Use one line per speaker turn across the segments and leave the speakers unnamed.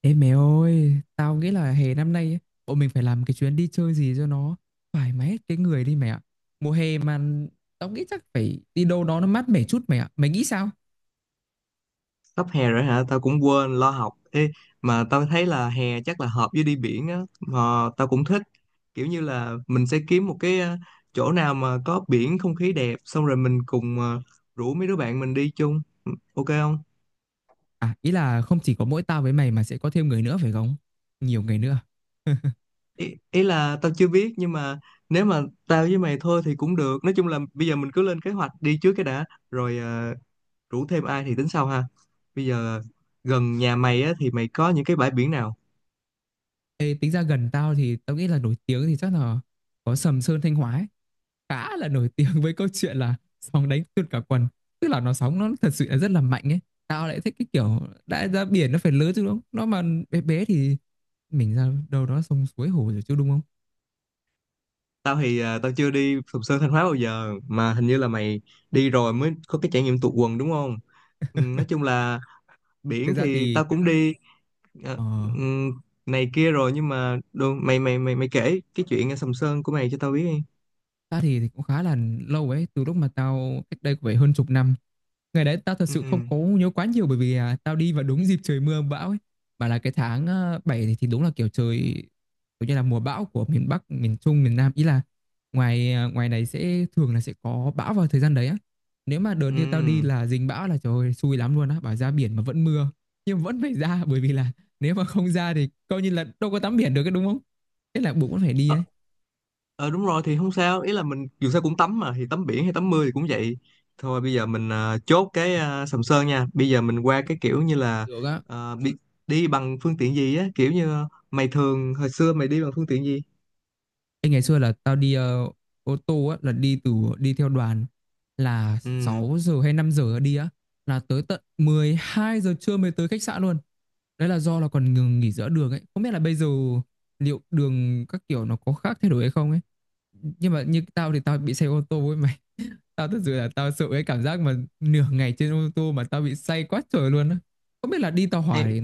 Ê mẹ ơi, tao nghĩ là hè năm nay ấy, bọn mình phải làm cái chuyến đi chơi gì cho nó thoải mái hết cái người đi mẹ ạ. Mùa hè mà tao nghĩ chắc phải đi đâu đó nó mát mẻ chút mẹ ạ. Mày nghĩ sao?
Sắp hè rồi hả? Tao cũng quên lo học. Ê, mà tao thấy là hè chắc là hợp với đi biển á, mà tao cũng thích kiểu như là mình sẽ kiếm một cái chỗ nào mà có biển không khí đẹp, xong rồi mình cùng rủ mấy đứa bạn mình đi chung. Ừ, ok không?
À, ý là không chỉ có mỗi tao với mày mà sẽ có thêm người nữa phải không? Nhiều người nữa.
Ý là tao chưa biết, nhưng mà nếu mà tao với mày thôi thì cũng được. Nói chung là bây giờ mình cứ lên kế hoạch đi trước cái đã, rồi rủ thêm ai thì tính sau ha. Bây giờ gần nhà mày á thì mày có những cái bãi biển nào?
Ê, tính ra gần tao thì tao nghĩ là nổi tiếng thì chắc là có Sầm Sơn Thanh Hóa ấy. Khá là nổi tiếng với câu chuyện là sóng đánh tuôn cả quần, tức là nó sóng nó thật sự là rất là mạnh ấy. Tao lại thích cái kiểu đã ra biển nó phải lớn chứ đúng không? Nó mà bé bé thì mình ra đâu đó sông suối hồ rồi chứ đúng không?
Tao chưa đi Sầm Sơn Thanh Hóa bao giờ, mà hình như là mày đi rồi mới có cái trải nghiệm tụt quần đúng không? Ừ, nói chung là
Thực
biển
ra
thì
thì
tao cũng đi à,
ờ,
ừm, này kia rồi, nhưng mà đồ, mày mày mày mày kể cái chuyện ở Sầm Sơn của mày cho tao biết đi.
ta thì cũng khá là lâu ấy, từ lúc mà tao cách đây cũng phải hơn chục năm. Ngày đấy tao thật
Ừ.
sự không có nhớ quá nhiều, bởi vì tao đi vào đúng dịp trời mưa bão ấy. Mà là cái tháng 7 thì đúng là kiểu trời kiểu như là mùa bão của miền Bắc, miền Trung, miền Nam. Ý là ngoài này sẽ thường là sẽ có bão vào thời gian đấy á. Nếu mà đợt như tao đi
Ừ.
là dính bão là trời ơi, xui lắm luôn á, bảo ra biển mà vẫn mưa. Nhưng vẫn phải ra, bởi vì là nếu mà không ra thì coi như là đâu có tắm biển được cái đúng không? Thế là buộc vẫn phải đi
Ờ,
ấy.
ờ, đúng rồi thì không sao. Ý là mình dù sao cũng tắm mà, thì tắm biển hay tắm mưa thì cũng vậy thôi. Bây giờ mình chốt cái Sầm Sơn nha. Bây giờ mình qua cái kiểu như là
Được á.
à, bị, đi bằng phương tiện gì á, kiểu như mày thường hồi xưa mày đi bằng phương tiện gì?
Ê, ngày xưa là tao đi ô tô á, là đi từ, đi theo đoàn, là
Ừ.
6 giờ hay 5 giờ đi á, là tới tận 12 giờ trưa mới tới khách sạn luôn. Đấy là do là còn ngừng nghỉ giữa đường ấy. Không biết là bây giờ liệu đường các kiểu nó có khác thay đổi hay không ấy. Nhưng mà như tao thì tao bị say ô tô ấy mày. Tao thật sự là tao sợ cái cảm giác mà nửa ngày trên ô tô mà tao bị say quá trời luôn á. Không biết là đi tàu hỏa thì
Hay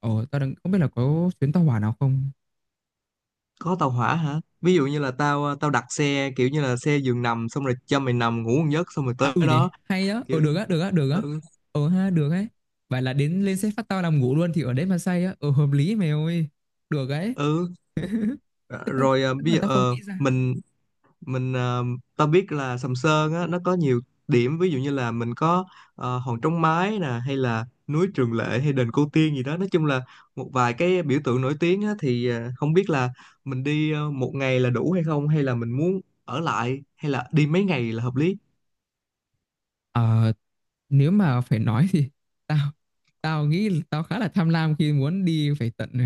tao đang không biết là có chuyến tàu hỏa nào không.
có tàu hỏa hả? Ví dụ như là tao đặt xe kiểu như là xe giường nằm xong rồi cho mày nằm ngủ một giấc xong rồi
À,
tới
ừ nhỉ,
đó,
hay đó, ờ
kiểu
được á, được á, được á.
ừ,
Ờ ha, được ấy. Vậy là đến lên xe phát tao nằm ngủ luôn thì ở đấy mà say á, ờ hợp lý mày ơi. Được ấy.
ừ. Ờ,
Thế Tức
Rồi
tức
bây
là
giờ
tao không nghĩ ra.
mình ta biết là Sầm Sơn á, nó có nhiều điểm, ví dụ như là mình có Hòn Trống Mái nè hay là núi Trường Lệ hay đền Cô Tiên gì đó. Nói chung là một vài cái biểu tượng nổi tiếng á, thì không biết là mình đi một ngày là đủ hay không, hay là mình muốn ở lại, hay là đi mấy ngày là hợp lý?
Ờ, nếu mà phải nói thì tao tao nghĩ là tao khá là tham lam khi muốn đi phải tận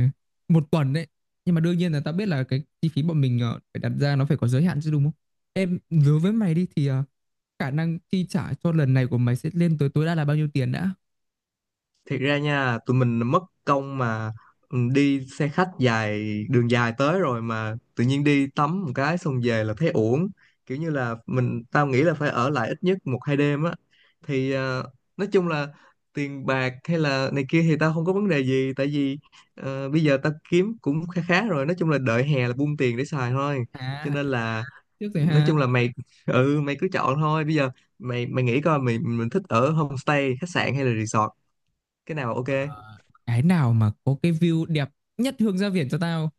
một tuần đấy. Nhưng mà đương nhiên là tao biết là cái chi phí bọn mình phải đặt ra nó phải có giới hạn chứ đúng không? Em đối với mày đi thì khả năng chi trả cho lần này của mày sẽ lên tới tối đa là bao nhiêu tiền đã?
Thiệt ra nha tụi mình mất công mà, ừ, đi xe khách dài, đường dài tới rồi mà tự nhiên đi tắm một cái xong về là thấy uổng. Kiểu như là tao nghĩ là phải ở lại ít nhất một hai đêm á. Thì nói chung là tiền bạc hay là này kia thì tao không có vấn đề gì, tại vì bây giờ tao kiếm cũng khá khá rồi, nói chung là đợi hè là buông tiền để xài thôi, cho
À,
nên là
trước rồi
nói
ha.
chung là mày mày cứ chọn thôi. Bây giờ mày mày nghĩ coi mình thích ở homestay, khách sạn hay là resort, cái nào ok?
Cái nào mà có cái view đẹp nhất hướng ra biển cho tao,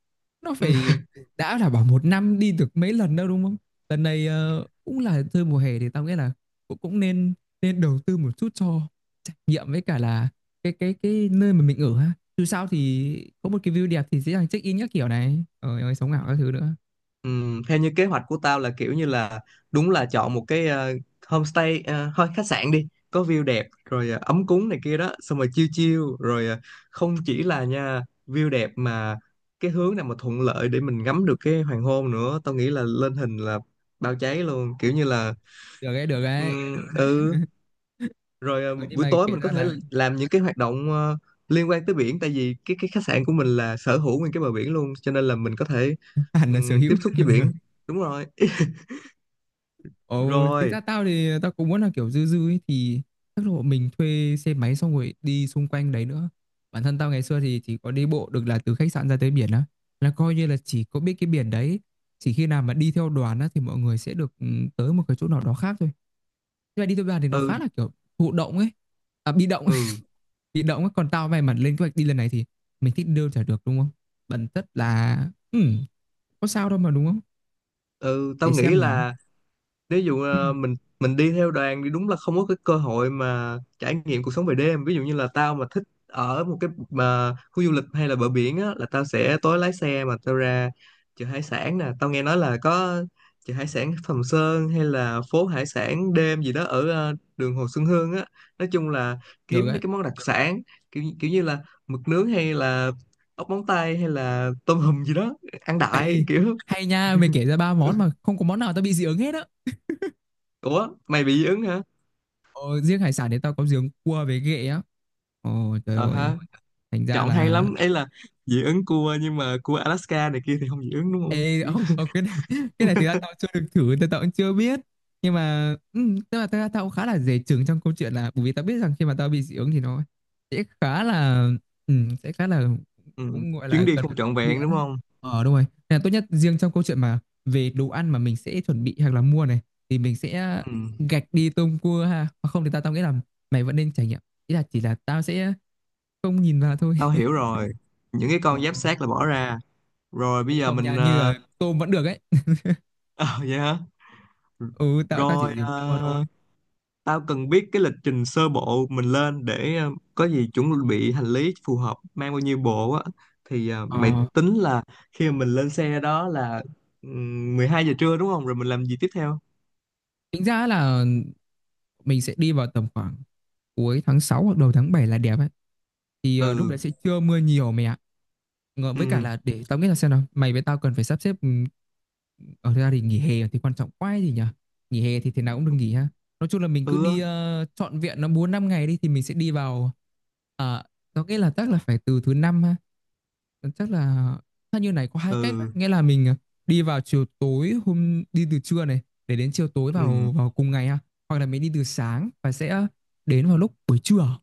nó
Ừ.
phải đã. Là bảo một năm đi được mấy lần đâu đúng không? Lần này cũng là chơi mùa hè thì tao nghĩ là cũng cũng nên, nên đầu tư một chút cho trải nghiệm, với cả là cái nơi mà mình ở ha. Dù sao thì có một cái view đẹp thì dễ dàng check in các kiểu này, ờ rồi sống ảo các thứ nữa.
Theo như kế hoạch của tao là kiểu như là đúng là chọn một cái homestay thôi khách sạn đi có view đẹp, rồi ấm cúng này kia đó, xong rồi chill chill, rồi không chỉ là nha view đẹp mà cái hướng nào mà thuận lợi để mình ngắm được cái hoàng hôn nữa, tao nghĩ là lên hình là bao cháy luôn, kiểu như là
Được đấy, được đấy.
ừ, rồi
Ờ, nhưng
buổi
mà
tối
kể
mình có
ra
thể
là
làm những cái hoạt động liên quan tới biển, tại vì cái khách sạn của mình là sở hữu nguyên cái bờ biển luôn, cho nên là mình có thể
hẳn là sở
tiếp
hữu.
xúc với biển. Đúng rồi.
Ồ, tính
Rồi.
ra tao thì tao cũng muốn là kiểu dư dư ấy, thì chắc là bọn mình thuê xe máy xong rồi đi xung quanh đấy nữa. Bản thân tao ngày xưa thì chỉ có đi bộ được là từ khách sạn ra tới biển á. Là coi như là chỉ có biết cái biển đấy. Chỉ khi nào mà đi theo đoàn á thì mọi người sẽ được ừ, tới một cái chỗ nào đó khác thôi. Nhưng mà đi theo đoàn thì nó
Ừ.
khá là kiểu thụ động ấy. À, bị động,
Ừ.
bị động ấy. Còn tao may mắn lên kế hoạch đi lần này thì mình thích đưa trả được đúng không? Bản chất là ừ, có sao đâu mà đúng không?
Ừ. Tao
Để
nghĩ
xem nào.
là nếu dụ
Ừ,
mình đi theo đoàn thì đúng là không có cái cơ hội mà trải nghiệm cuộc sống về đêm. Ví dụ như là tao mà thích ở một cái mà khu du lịch hay là bờ biển á, là tao sẽ tối lái xe mà tao ra chợ hải sản nè. Tao nghe nói là có chợ hải sản Sầm Sơn hay là phố hải sản đêm gì đó ở đường Hồ Xuân Hương á. Nói chung là
được
kiếm mấy
đấy.
cái món đặc sản, kiểu kiểu như là mực nướng hay là ốc móng tay hay là tôm hùm gì đó, ăn đại
Ê,
kiểu.
hay nha, mày kể ra ba món mà không có món nào tao bị dị ứng hết á.
Ủa mày bị dị ứng hả?
Ờ, riêng hải sản thì tao có dị ứng cua với ghẹ á. Ồ trời
Ờ
ơi,
ha.
thành ra
Chọn hay
là
lắm ấy là dị ứng cua, nhưng mà cua Alaska này kia thì không dị ứng đúng không?
Ê, không,
Kiểu-
không, cái này, cái này thì ra tao chưa được thử, tao cũng chưa biết. Nhưng mà, ừ, tức là tao cũng khá là dè chừng trong câu chuyện là, bởi vì tao biết rằng khi mà tao bị dị ứng thì nó sẽ khá là, ừ, sẽ khá là,
Ừ.
cũng gọi là
Chuyến đi
cần phải
không trọn
vào
vẹn
viện
đúng
á.
không?
Ờ, đúng rồi. Nên là tốt nhất, riêng trong câu chuyện mà về đồ ăn mà mình sẽ chuẩn bị hoặc là mua này, thì mình sẽ
Ừ.
gạch đi tôm cua ha. Hoặc không thì tao nghĩ là mày vẫn nên trải nghiệm. Ý là chỉ là tao sẽ không nhìn vào thôi.
Tao hiểu rồi, những cái
Ờ,
con giáp xác là bỏ ra. Rồi bây
hay
giờ
không
mình
nha, như là tôm vẫn được ấy.
ờ, vậy hả.
Ừ, tao chỉ
Rồi
dùng cua thôi.
tao cần biết cái lịch trình sơ bộ mình lên để có gì chuẩn bị hành lý phù hợp, mang bao nhiêu bộ á. Thì mày
Ờ,
tính là khi mà mình lên xe đó là 12 giờ trưa đúng không, rồi mình làm gì tiếp theo?
tính ra là mình sẽ đi vào tầm khoảng cuối tháng 6 hoặc đầu tháng 7 là đẹp ấy. Thì lúc
Ừ.
đấy sẽ chưa mưa nhiều mày ạ. Ngờ- Với
Ừ.
cả là để tao nghĩ là xem nào, mày với tao cần phải sắp xếp ừ, ở ra thì nghỉ hè thì quan trọng quá ấy gì nhỉ? Nghỉ hè thì thế nào cũng được nghỉ ha. Nói chung là mình cứ
Ừ á.
đi trọn vẹn nó 4 5 ngày đi thì mình sẽ đi vào ờ, tao nghĩ là chắc là phải từ thứ năm. Ờ, chắc là theo như này có hai cách á.
Ừ.
Nghĩa là mình đi vào chiều tối, hôm đi từ trưa này để đến chiều tối vào
Ừ.
vào cùng ngày ha, hoặc là mình đi từ sáng và sẽ đến vào lúc buổi trưa.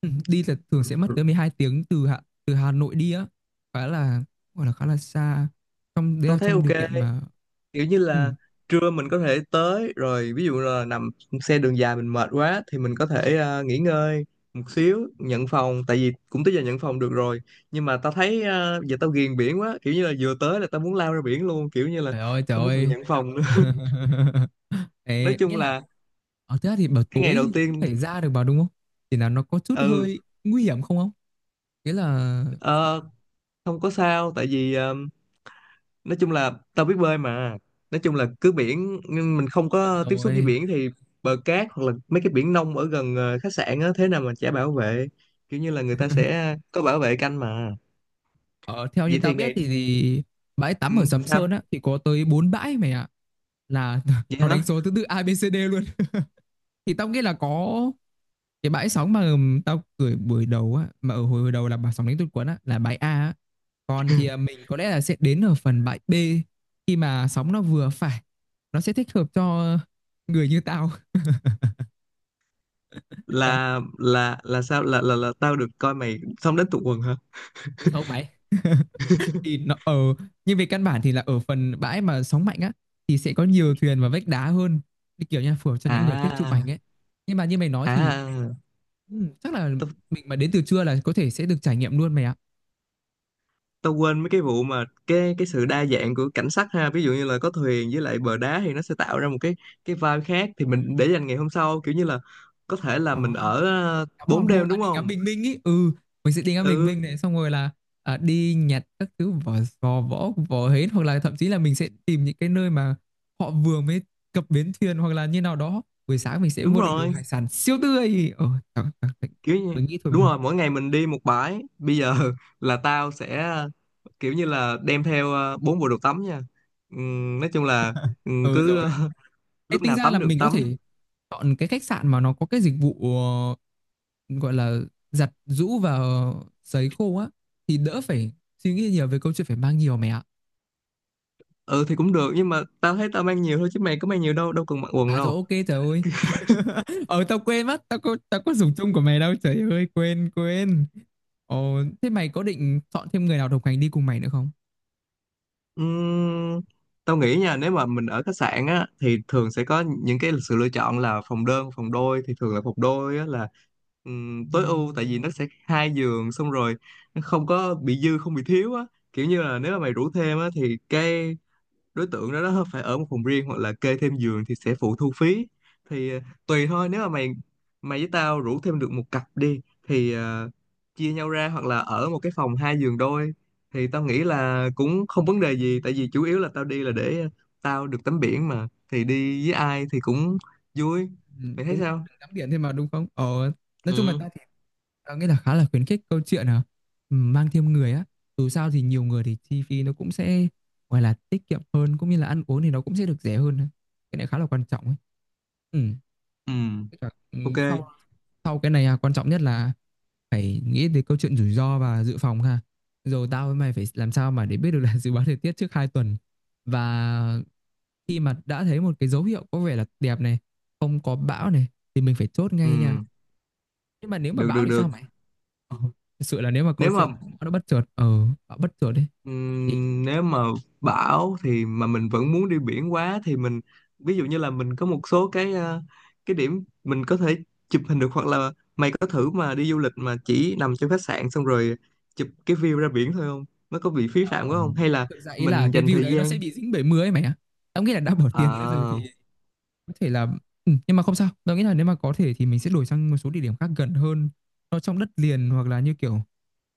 Ừ, đi là thường sẽ mất
Ừ.
tới 12 tiếng từ từ Hà Nội đi á, khá là, gọi là khá là xa, trong đấy
Tôi
là
thấy
trong
ok,
điều kiện mà
kiểu như là
ừ.
trưa mình có thể tới rồi. Ví dụ là nằm xe đường dài mình mệt quá thì mình có thể nghỉ ngơi một xíu, nhận phòng tại vì cũng tới giờ nhận phòng được rồi. Nhưng mà tao thấy giờ tao ghiền biển quá, kiểu như là vừa tới là tao muốn lao ra biển luôn, kiểu như là
Trời ơi, trời
không có cần
ơi.
nhận phòng nữa. Nói
Đấy,
chung
nghĩa là
là
ở thế thì bảo
cái
tối
ngày đầu
mình cũng
tiên
phải ra được vào đúng không? Thì là nó có chút
ừ,
hơi nguy hiểm không, không, nghĩa là
ờ, không có sao, tại vì nói chung là tao biết bơi mà. Nói chung là cứ biển nhưng mình không có tiếp xúc với
rồi
biển thì bờ cát, hoặc là mấy cái biển nông ở gần khách sạn á, thế nào mà chả bảo vệ, kiểu như là người ta sẽ có bảo vệ canh mà.
ở theo như
Vậy
tao
thì
biết
ngày
thì bãi
ừ,
tắm ở Sầm
sao?
Sơn á thì có tới 4 bãi mày ạ, là
Vậy
nó đánh
hả?
số thứ tự A B C D luôn. Thì tao nghĩ là có cái bãi sóng mà tao gửi buổi đầu á, mà ở hồi hồi đầu là bà sóng đánh tụt quấn á là bãi A á. Còn thì mình có lẽ là sẽ đến ở phần bãi B khi mà sóng nó vừa phải, nó sẽ thích hợp cho người như tao. Đấy,
Là sao, là tao được coi mày xong đến tụ quần hả?
không mày, thì nó ở, nhưng về căn bản thì là ở phần bãi mà sóng mạnh á thì sẽ có nhiều thuyền và vách đá hơn, thì kiểu như là phù hợp cho những người thích chụp
À.
ảnh ấy. Nhưng mà như mày nói thì
à
ừ, chắc là
tao
mình mà đến từ trưa là có thể sẽ được trải nghiệm luôn mày ạ.
tao quên mấy cái vụ mà cái sự đa dạng của cảnh sắc ha, ví dụ như là có thuyền với lại bờ đá thì nó sẽ tạo ra một cái vibe khác, thì mình để dành ngày hôm sau. Kiểu như là có thể là
Ờ,
mình
ha.
ở
Ngắm hoàng
bốn
hôn,
đêm
à
đúng
đi ngắm
không?
bình minh ý, ừ, mình sẽ đi ngắm bình
Ừ,
minh này xong rồi là đi nhặt các thứ vỏ sò, vỏ vỏ hến, hoặc là thậm chí là mình sẽ tìm những cái nơi mà họ vừa mới cập bến thuyền hoặc là như nào đó, buổi sáng mình sẽ
đúng
mua được đồ
rồi.
hải sản siêu tươi ờ, trời, trời,
Kiểu như
mình nghĩ thôi
đúng
mà.
rồi, mỗi ngày mình đi một bãi. Bây giờ là tao sẽ kiểu như là đem theo 4 bộ đồ tắm nha. Nói chung là
Ừ
cứ
rồi. Ê,
lúc
tính
nào
ra là
tắm được
mình có
tắm.
thể chọn cái khách sạn mà nó có cái dịch vụ gọi là giặt giũ và sấy khô á, thì đỡ phải suy nghĩ nhiều về câu chuyện phải mang nhiều mày ạ.
Ừ thì cũng được, nhưng mà tao thấy tao mang nhiều thôi chứ mày có mang nhiều đâu, đâu cần mặc quần
À rồi
đâu.
ok trời ơi. Ờ tao quên mất, tao có dùng chung của mày đâu. Trời ơi, quên quên. Ồ thế mày có định chọn thêm người nào đồng hành đi cùng mày nữa không?
Ừm, Tao nghĩ nha, nếu mà mình ở khách sạn á thì thường sẽ có những cái sự lựa chọn là phòng đơn, phòng đôi, thì thường là phòng đôi á là tối ưu, tại vì nó sẽ hai giường, xong rồi nó không có bị dư không bị thiếu á. Kiểu như là nếu mà mày rủ thêm á thì cái đối tượng đó phải ở một phòng riêng, hoặc là kê thêm giường thì sẽ phụ thu phí. Thì tùy thôi, nếu mà mày mày với tao rủ thêm được một cặp đi thì chia nhau ra, hoặc là ở một cái phòng hai giường đôi thì tao nghĩ là cũng không vấn đề gì. Tại vì chủ yếu là tao đi là để tao được tắm biển mà, thì đi với ai thì cũng vui.
Ừ,
Mày thấy
cũng vẫn
sao?
được tắm biển thêm mà đúng không? Ờ, nói chung là
Ừ.
tao, ờ, nghĩa là khá là khuyến khích câu chuyện mang thêm người á. Dù sao thì nhiều người thì chi phí nó cũng sẽ gọi là tiết kiệm hơn, cũng như là ăn uống thì nó cũng sẽ được rẻ hơn á. Cái này khá là quan trọng ấy, ừ.
Ừ.
Với cả, ừ,
Ok.
sau sau cái này quan trọng nhất là phải nghĩ tới câu chuyện rủi ro và dự phòng ha. Rồi tao với mày phải làm sao mà để biết được là dự báo thời tiết trước 2 tuần, và khi mà đã thấy một cái dấu hiệu có vẻ là đẹp này, không có bão này, thì mình phải chốt
Ừ.
ngay nha. Nhưng mà nếu mà
Được,
bão
được,
thì sao
được,
mày? Ờ, thực sự là nếu mà câu
nếu mà.
chuyện nó bất chợt nó bất chợt đấy thì
Nếu mà bão thì mà mình vẫn muốn đi biển quá thì mình, ví dụ như là mình có một số cái cái điểm mình có thể chụp hình được, hoặc là mày có thử mà đi du lịch mà chỉ nằm trong khách sạn xong rồi chụp cái view ra biển thôi không? Nó có bị phí phạm quá
ờ,
không? Hay là
thực ra ý là
mình
cái
dành
view
thời
đấy nó
gian
sẽ bị dính bảy mươi ấy mày ạ. Tao nghĩ là đã bỏ tiền ra rồi
à,
thì có thể là ừ, nhưng mà không sao, tao nghĩ là nếu mà có thể thì mình sẽ đổi sang một số địa điểm khác gần hơn, nó trong đất liền hoặc là như kiểu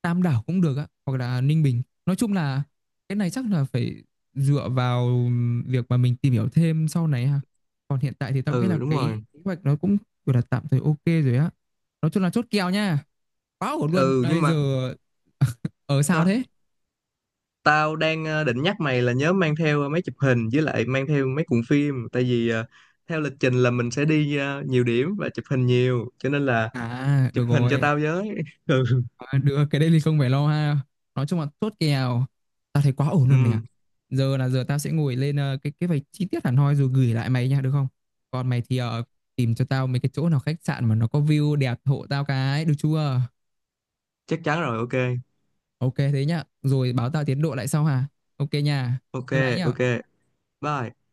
Tam Đảo cũng được á, hoặc là Ninh Bình, nói chung là cái này chắc là phải dựa vào việc mà mình tìm hiểu thêm sau này ha. Còn hiện tại thì tao nghĩ
ừ
là
đúng
cái
rồi.
kế hoạch nó cũng gọi là tạm thời ok rồi á, nói chung là chốt kèo nha, quá ổn luôn
Ừ nhưng
đây giờ.
mà
Ở sao
sao?
thế?
Tao đang định nhắc mày là nhớ mang theo máy chụp hình, với lại mang theo mấy cuộn phim, tại vì theo lịch trình là mình sẽ đi nhiều điểm và chụp hình nhiều cho nên là
À
chụp
được
hình cho
rồi,
tao với. Ừ.
được cái đây thì không phải lo ha, nói chung là chốt kèo, tao thấy quá ổn luôn mày ạ.
Ừ,
Giờ tao sẽ ngồi lên cái vạch chi tiết hẳn hoi rồi gửi lại mày nha được không? Còn mày thì tìm cho tao mấy cái chỗ nào khách sạn mà nó có view đẹp hộ tao cái được chưa?
chắc chắn rồi, ok.
Ok thế nhá, rồi báo tao tiến độ lại sau hả? Ok nha,
Ok.
bye bye
Ok.
nhá.
Bye.